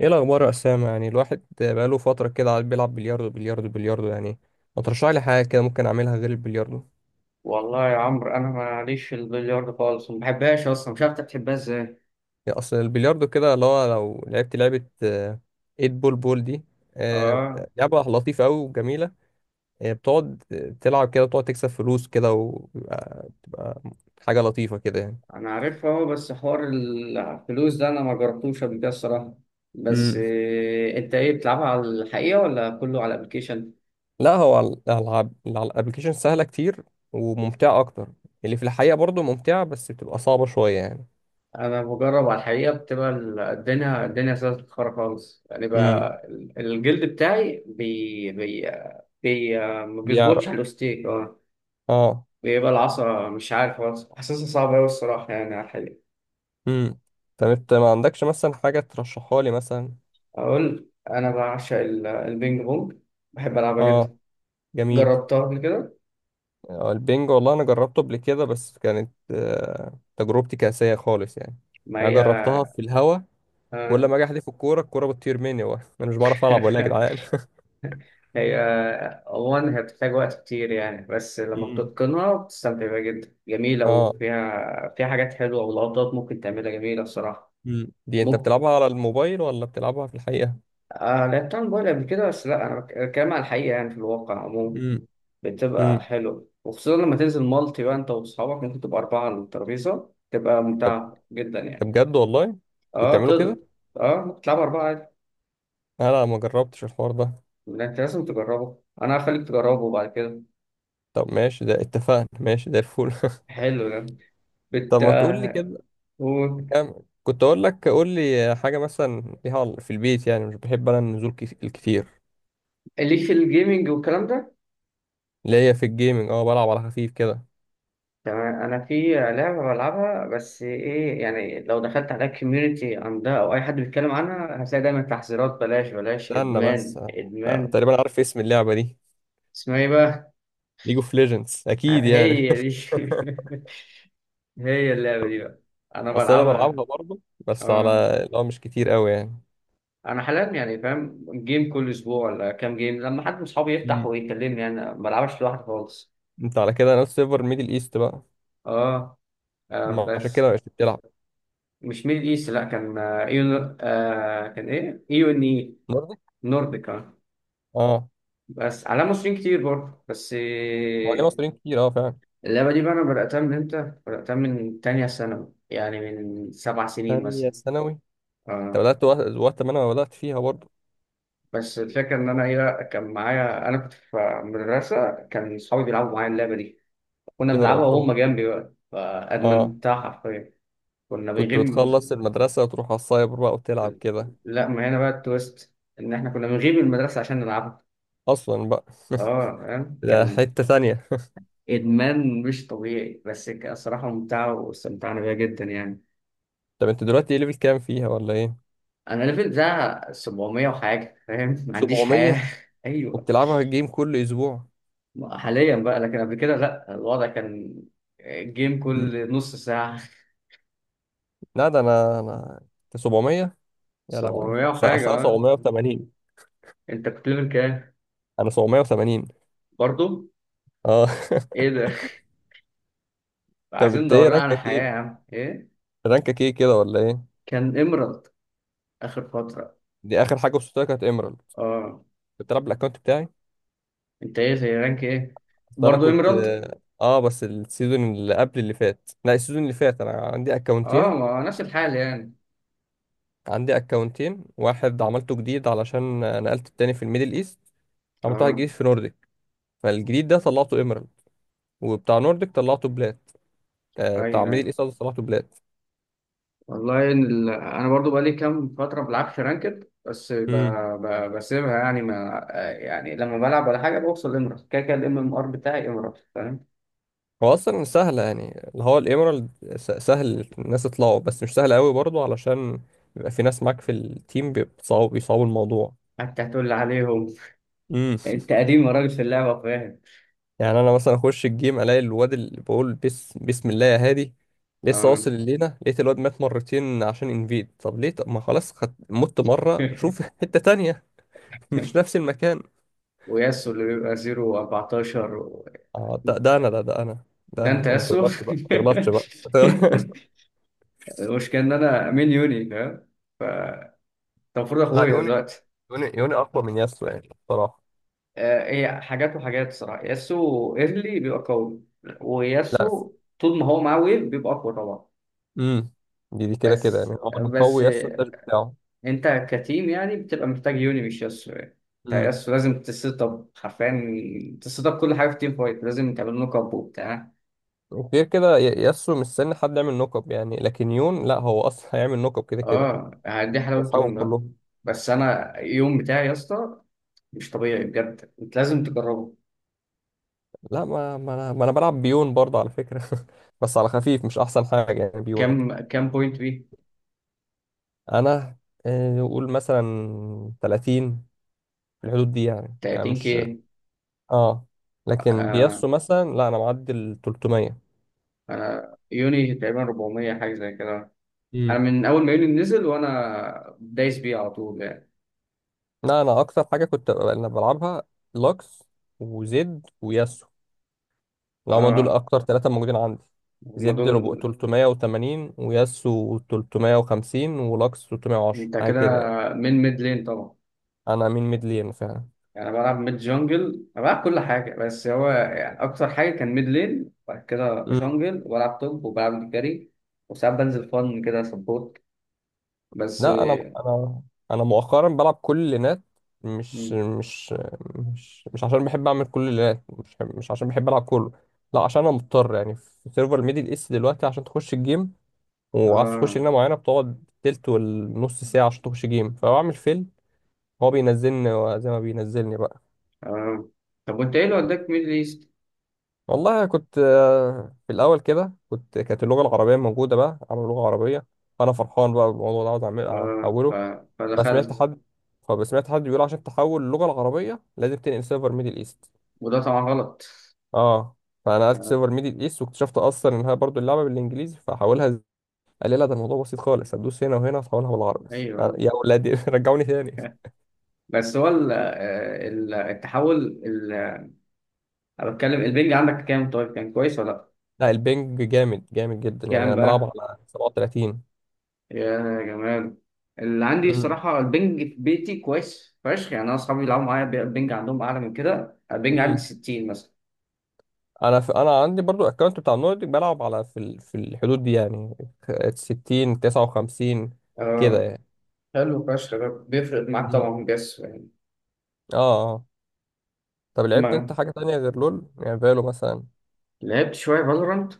ايه الاخبار يا اسامه؟ يعني الواحد بقاله فتره كده قاعد بيلعب بلياردو بلياردو بلياردو يعني، ما ترشح لي حاجه كده ممكن اعملها غير البلياردو؟ والله يا عمرو انا ماليش في البلياردو خالص، ما بحبهاش اصلا، مش عارف انت بتحبها ازاي. يعني اصل البلياردو كده اللي هو لو لعبت لعبه 8 بول، بول دي. آه، اه لعبه لطيفه قوي وجميله. بتقعد تلعب كده وتقعد تكسب فلوس كده، وبتبقى حاجه لطيفه كده يعني. انا عارفها اهو، بس حوار الفلوس ده انا ما جربتوش قبل كده الصراحه. بس امم إيه، انت ايه، بتلعبها على الحقيقه ولا كله على الابلكيشن؟ لا، هو على الالعاب على الابلكيشن سهله كتير وممتعه اكتر. اللي في الحقيقه برضو ممتعه، بس بتبقى صعبه شويه يعني. انا بجرب على الحقيقه، بتبقى الدنيا سهله تتخرج خالص يعني، امم بقى الجلد بتاعي بي بي, بي آه، ما بيظبطش بيعرق. على الاوستيك اه، اه. بيبقى العصا مش عارف خالص، حاسسها صعبه قوي الصراحه يعني على الحقيقه. امم طب انت ما عندكش مثلا حاجة ترشحها لي مثلا؟ اقول انا بعشق البينج بونج، بحب العبها جدا. اه، جميل. جربتها قبل كده. البنج والله انا جربته قبل كده، بس كانت تجربتي كاسية خالص يعني. ما يعني هي جربتها في الهوا. كل آه. ما اجي احدف الكورة، الكورة بتطير مني، انا مش بعرف العب ولا يا جدعان. هي عموما هي بتحتاج وقت كتير يعني، بس لما امم بتتقنها بتستمتع بيها جدا، جميلة، اه. وفيها حاجات حلوة ولقطات ممكن تعملها جميلة الصراحة. دي انت ممكن بتلعبها على الموبايل ولا بتلعبها في الحقيقة؟ آه، لعبتها على الموبايل قبل كده، بس لا انا بتكلم على الحقيقة يعني في الواقع عموما. امم بتبقى امم حلوة، وخصوصا لما تنزل مالتي بقى انت واصحابك ممكن تبقى أربعة على الترابيزة، تبقى طب، ممتعة جدا ده يعني. بجد والله انتوا اه بتعملوا تقدر، كده؟ اه بتلعب أربعة عادي. انا لا، ما جربتش الحوار ده. لا، أنت لازم تجربه، أنا هخليك تجربه بعد كده. طب ماشي، ده اتفقنا. ماشي ده الفول حلو ده. بت طب ما تقول لي كده و- كام؟ كنت اقول لك قول لي حاجه مثلا ليها في البيت، يعني مش بحب انا النزول الكتير. ليك في الجيمنج والكلام ده. اللي هي في الجيمنج، اه بلعب على خفيف كده. تمام، أنا في لعبة بلعبها، بس إيه يعني لو دخلت على الكوميونتي عندها أو أي حد بيتكلم عنها هتلاقي دايما تحذيرات، بلاش بلاش، استنى بس، إدمان لا إدمان. تقريبا عارف اسم اللعبه دي. اسمها إيه بقى؟ ليج اوف ليجندز اكيد يعني. هي دي هي اللعبة دي بقى، أنا اصل انا بلعبها. بلعبها برضه، بس على اه اللي هو مش كتير قوي يعني. انا حاليا يعني فاهم جيم كل اسبوع ولا كام جيم، لما حد من اصحابي يفتح مم. ويكلمني، انا ما بلعبش لوحدي خالص. انت على كده ناس سيرفر ميدل ايست بقى. اه آه، ما عشان بس كده مش بتلعب مش ميدل ايست، لا كان ايو، آه كان ايه، ايو ان اي، برضه. نورديك آه. اه، بس على مصريين كتير برضه، بس هو ليه آه، مصريين كتير؟ اه فعلا. اللعبه دي بقى انا بداتها من امتى، بداتها من تانية ثانوي يعني من 7 سنين ثانيه مثلا. ثانوي؟ انت اه بدات وقت ما انا بدات فيها برضه. بس الفكره ان انا ايه، كان معايا، انا كنت في مدرسه، كان اصحابي بيلعبوا معايا اللعبه دي، كنت كنا بنلعبها بتهرب؟ وهم جنبي بقى، اه، فادمنتها حرفيا. كنا كنت بنغيب. بتخلص المدرسة وتروح على السايبر بقى وتلعب كده. لا، ما هنا بقى التويست، ان احنا كنا بنغيب من المدرسه عشان نلعبها. أصلا بقى اه فاهم؟ ده كان حتة ثانية. ادمان مش طبيعي، بس كانت الصراحه ممتعه واستمتعنا بيها جدا يعني. طب أنت دلوقتي إيه ليفل كام فيها ولا إيه؟ انا ليفل بتاع 700 وحاجه، فاهم، ما عنديش حياه 700 ايوه، وبتلعبها الجيم كل أسبوع. حاليا بقى، لكن قبل كده لا، الوضع كان جيم مم. كل نص ساعه. لا، ده أنا أنت 700؟ يا لهوي، 700 وحاجه أصل أنا اه. 780. انت كنت ليفل كام؟ أنا 780 برضه؟ أه ايه ده، طب عايزين أنت إيه ندور على رانكك حياة يا إيه؟ عم ايه. رانكك إيه كده ولا إيه؟ كان ايمرالد اخر فترة. دي آخر حاجة وصلت لها كانت إيمرالد. اه، بتلعب بالأكونت بتاعي. انت ايه زي، رانك ايه؟ أصل أنا برضه كنت ايمرالد بس السيزون اللي قبل اللي فات، لا السيزون اللي فات، أنا عندي اه، أكونتين. ما نفس الحال يعني. عندي اكونتين، واحد عملته جديد علشان نقلت التاني في الميدل ايست، عملت واحد اه جديد في نورديك. فالجديد ده طلعته ايميرالد، وبتاع نورديك طلعته بلات. آه، بتاع ايوه ميدل ايوه. ايست قصدي طلعته بلات. والله إن ال... انا برضو بقالي كام فتره ما بلعبش رانكد، بس ب... امم. ب... بسيبها يعني، ما يعني لما بلعب ولا حاجه بوصل لمرض، كده كده الام ام ار بتاعي امرض، فاهم. هو اصلا سهل يعني اللي هو الايميرالد. سهل الناس تطلعه، بس مش سهل قوي برضه، علشان بيبقى في ناس معاك في التيم بيصعبوا الموضوع. حتى هتقول لي عليهم؟ انت قديم يا راجل في اللعبه فاهم. يعني انا مثلا اخش الجيم الاقي الواد اللي بقول بس بسم الله يا هادي، لسه اه واصل الليله، لقيت الواد مات مرتين عشان انفيد. طب ليه؟ طب ما خلاص خد... مت مره، شوف حته تانية. مش نفس المكان. وياسو اللي بيبقى 0 اه ده, و14، ده انا ده انا. ده ده انت انا ما ياسو تغلطش بقى، ما تغلطش بقى المشكلة ان انا مين، يوني فاهم. ف انت، المفروض لا اخويا يوني، دلوقتي. يوني اقوى من ياسو يعني بصراحه. آه، هي حاجات وحاجات الصراحة، ياسو ايرلي بيبقى قوي، لا. وياسو طول ما هو معاه ويف بيبقى اقوى طبعا. امم دي كده كده يعني، بس هو اللي بس مقوي ياسو الداش آه، بتاعه. انت كتيم يعني، بتبقى محتاج يوني مش ياسو يعني. انت امم ياسو لازم تسيت اب، حرفيا تسيت اب كل حاجة، في تيم فايت لازم تعمل نوك اب وبتاع. وغير كده ياسو مستني حد يعمل نوك اب يعني، لكن يون لا، هو اصلا هيعمل نوك اب كده كده. اه، دي حلاوة واصحابهم يوني بقى. كلهم. بس انا يوم بتاعي يا اسطى مش طبيعي بجد، انت لازم تجربه. لا، ما ما انا ما انا بلعب بيون برضه على فكره بس على خفيف، مش احسن حاجه يعني بيون. كام بوينت بيه؟ انا نقول مثلا 30، في الحدود دي يعني، يعني 30 مش. كي. اه، لكن آه بياسو مثلا لا، انا معدي ال 300. انا يوني تقريبا 400 حاجه زي كده. انا امم. من اول ما يوني نزل وانا دايس بيه على طول يعني. لا انا اكتر حاجه كنت انا بلعبها، لوكس وزد وياسو. لو ما دول آه، اكتر ثلاثه موجودين عندي. هما زد ربع دول. 380، وياسو 350، ولوكس 310، انت حاجه كده كده يعني. من ميد لين طبعا. انا مين ميدلين فعلا. يعني انا بلعب ميد جونجل، انا بلعب كل حاجه، بس هو يعني اكتر حاجه كان ميد لين، وبعد كده جونجل، وبلعب توب، وبلعب جاري، وساعات بنزل فن كده سبورت. بس لا، انا مؤخرا بلعب كل اللينات. مش مش مش مش عشان بحب اعمل كل اللينات، مش مش عشان بحب العب كله، لا عشان انا مضطر يعني. في سيرفر ميدل ايست دلوقتي، عشان تخش الجيم وعايز تخش آه لينه معينه، بتقعد تلت والنص ساعه عشان تخش جيم، فبعمل فيل. هو بينزلني زي ما بينزلني بقى. آه. طب وانت ايه اللي وداك ميدل ايست؟ والله كنت في الاول كده كنت، كانت اللغه العربيه موجوده بقى، عامل لغه عربيه، فانا فرحان بقى بالموضوع ده، عاوز اعمل آه. ف... احوله. انا سمعت فدخلت. حد، فسمعت حد بيقول عشان تحول اللغه العربيه لازم تنقل سيرفر ميدل ايست. وده طبعا غلط. اه، فانا نقلت آه. سيرفر ميدل ايست، واكتشفت اصلا انها برضو اللعبه بالانجليزي فحولها قال لي لا، ده الموضوع بسيط خالص، هتدوس هنا وهنا هتحولها بالعربي. ايوه يعني يا ولادي رجعوني تاني. بس هو ال... آه، التحول، ال... انا بتكلم البنج عندك كام طيب، كان كويس ولا لا؟ لا البنج جامد، جامد جدا يعني، كام انا بلعب بقى؟ على 37. يا جمال. اللي عندي امم الصراحة البنج في بيتي كويس فشخ يعني، أنا أصحابي بيلعبوا معايا البنج عندهم أعلى من كده، البنج عندي امم 60 مثلا. انا في عندي برضو الاكونت بتاع النورديك، بلعب على في ال... في الحدود دي يعني، 60، 59 آه، كده يعني. حلو فشخ، ده بيفرق معاك امم طبعا جس يعني. اه. طب لعبت انت ما حاجة تانية غير لول يعني، فالو مثلا؟ لعبت شوية فالورانت،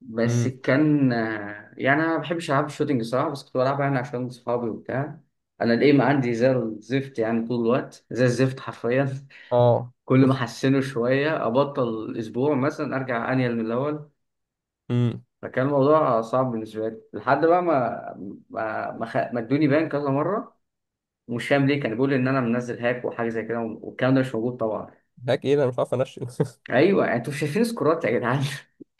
بس امم كان آه، يعني انا ما بحبش العب الشوتينج صراحه، بس كنت بلعبها يعني عشان صحابي وبتاع. انا الايم عندي زي الزفت يعني، طول الوقت زي الزفت حرفيا اه. كل ما احسنه شويه ابطل اسبوع مثلا، ارجع انيل من الاول. امم فكان الموضوع صعب بالنسبه لي، لحد بقى ما ادوني بان كذا مره. مش فاهم ليه، كان بيقول ان انا منزل هاك وحاجه زي كده، والكلام ده مش موجود طبعا. هاك ايه ده؟ انا مش عارف انشن ايوه انتوا شايفين سكورات يا جدعان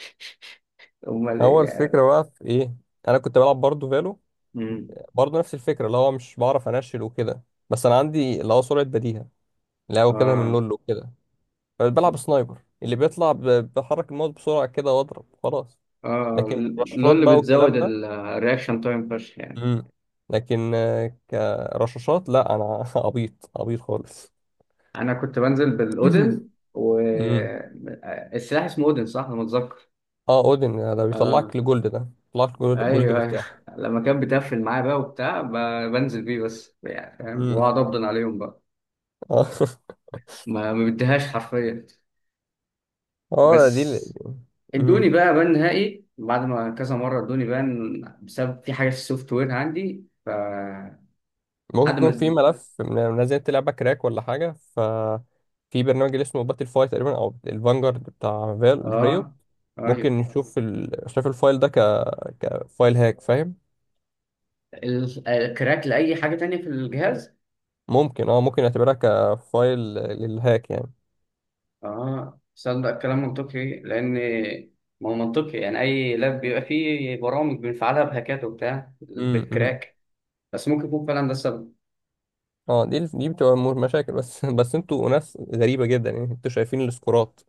امال هو ايه يعني. الفكرة بقى في ايه؟ انا كنت بلعب برضو فالو، امم برضو نفس الفكرة، اللي هو مش بعرف انشل وكده. بس انا عندي اللي هو سرعة بديهة، اللي هو كده من اه لول وكده، فبلعب سنايبر اللي بيطلع بحرك الماوس بسرعة كده واضرب خلاص. اه. لكن الرشاشات لول بقى بتزود والكلام ده. الرياكشن تايم فشخ يعني. امم لكن كرشاشات لا، انا عبيط خالص انا كنت بنزل بالاودن و امم السلاح اسمه اودن صح، انا متذكر. اه، اودن ده اه بيطلعك لجولد. ده بيطلعك لجولد، جولد ايوه ايوه مرتاح. لما كان بتقفل معايا بقى وبتاع، بنزل بيه بس يعني فاهم، امم واقعد ابدن عليهم بقى. اه ما بديهاش حرفيا. اه دي بس ال... ادوني امم بقى بان نهائي بعد ما كذا مره ادوني بان بسبب في حاجه في السوفت وير عندي، ف ممكن لحد ما يكون في ادوني. ملف منزلت لعبه كراك ولا حاجه، ف في برنامج اللي اسمه باتل فاي تقريبا، او الفانجارد بتاع فال ريو. اه ايوه. ممكن نشوف ال... شايف الفايل ده كفايل هاك فاهم. الكراك لاي حاجه تانية في الجهاز. ممكن، اه ممكن نعتبرها كفايل للهاك يعني. اه صدق، كلام منطقي، لان ما هو منطقي يعني، اي لاب بيبقى فيه برامج بنفعلها بهاكات وبتاع أمم. بالكراك. بس ممكن يكون فعلا ده السبب. اه دي دي بتبقى مشاكل، بس بس انتوا ناس غريبه جدا يعني، انتوا شايفين السكورات.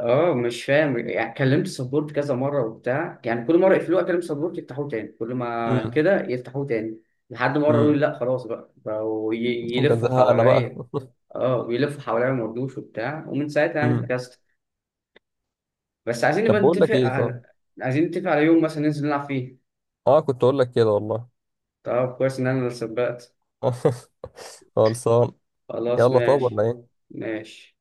اه مش فاهم يعني، كلمت سبورت كذا مره وبتاع، يعني كل مره يقفلوه اكلم سبورت يفتحوه تاني، كل ما كده يفتحوه تاني، لحد مره يقول امم لا خلاص بقى، بقوا انت يلفوا زهقنا بقى حواليا. اه بيلفوا حواليا، ما رضوش وبتاع، ومن ساعتها يعني امم فكست. بس عايزين نبقى طب بقول لك نتفق ايه، صح؟ على، عايزين نتفق على يوم مثلا ننزل نلعب فيه. اه كنت اقول لك كده والله طب كويس ان انا اللي سبقت. خلصان. خلاص يلا طب، ماشي. ولا ايه؟ ماشي.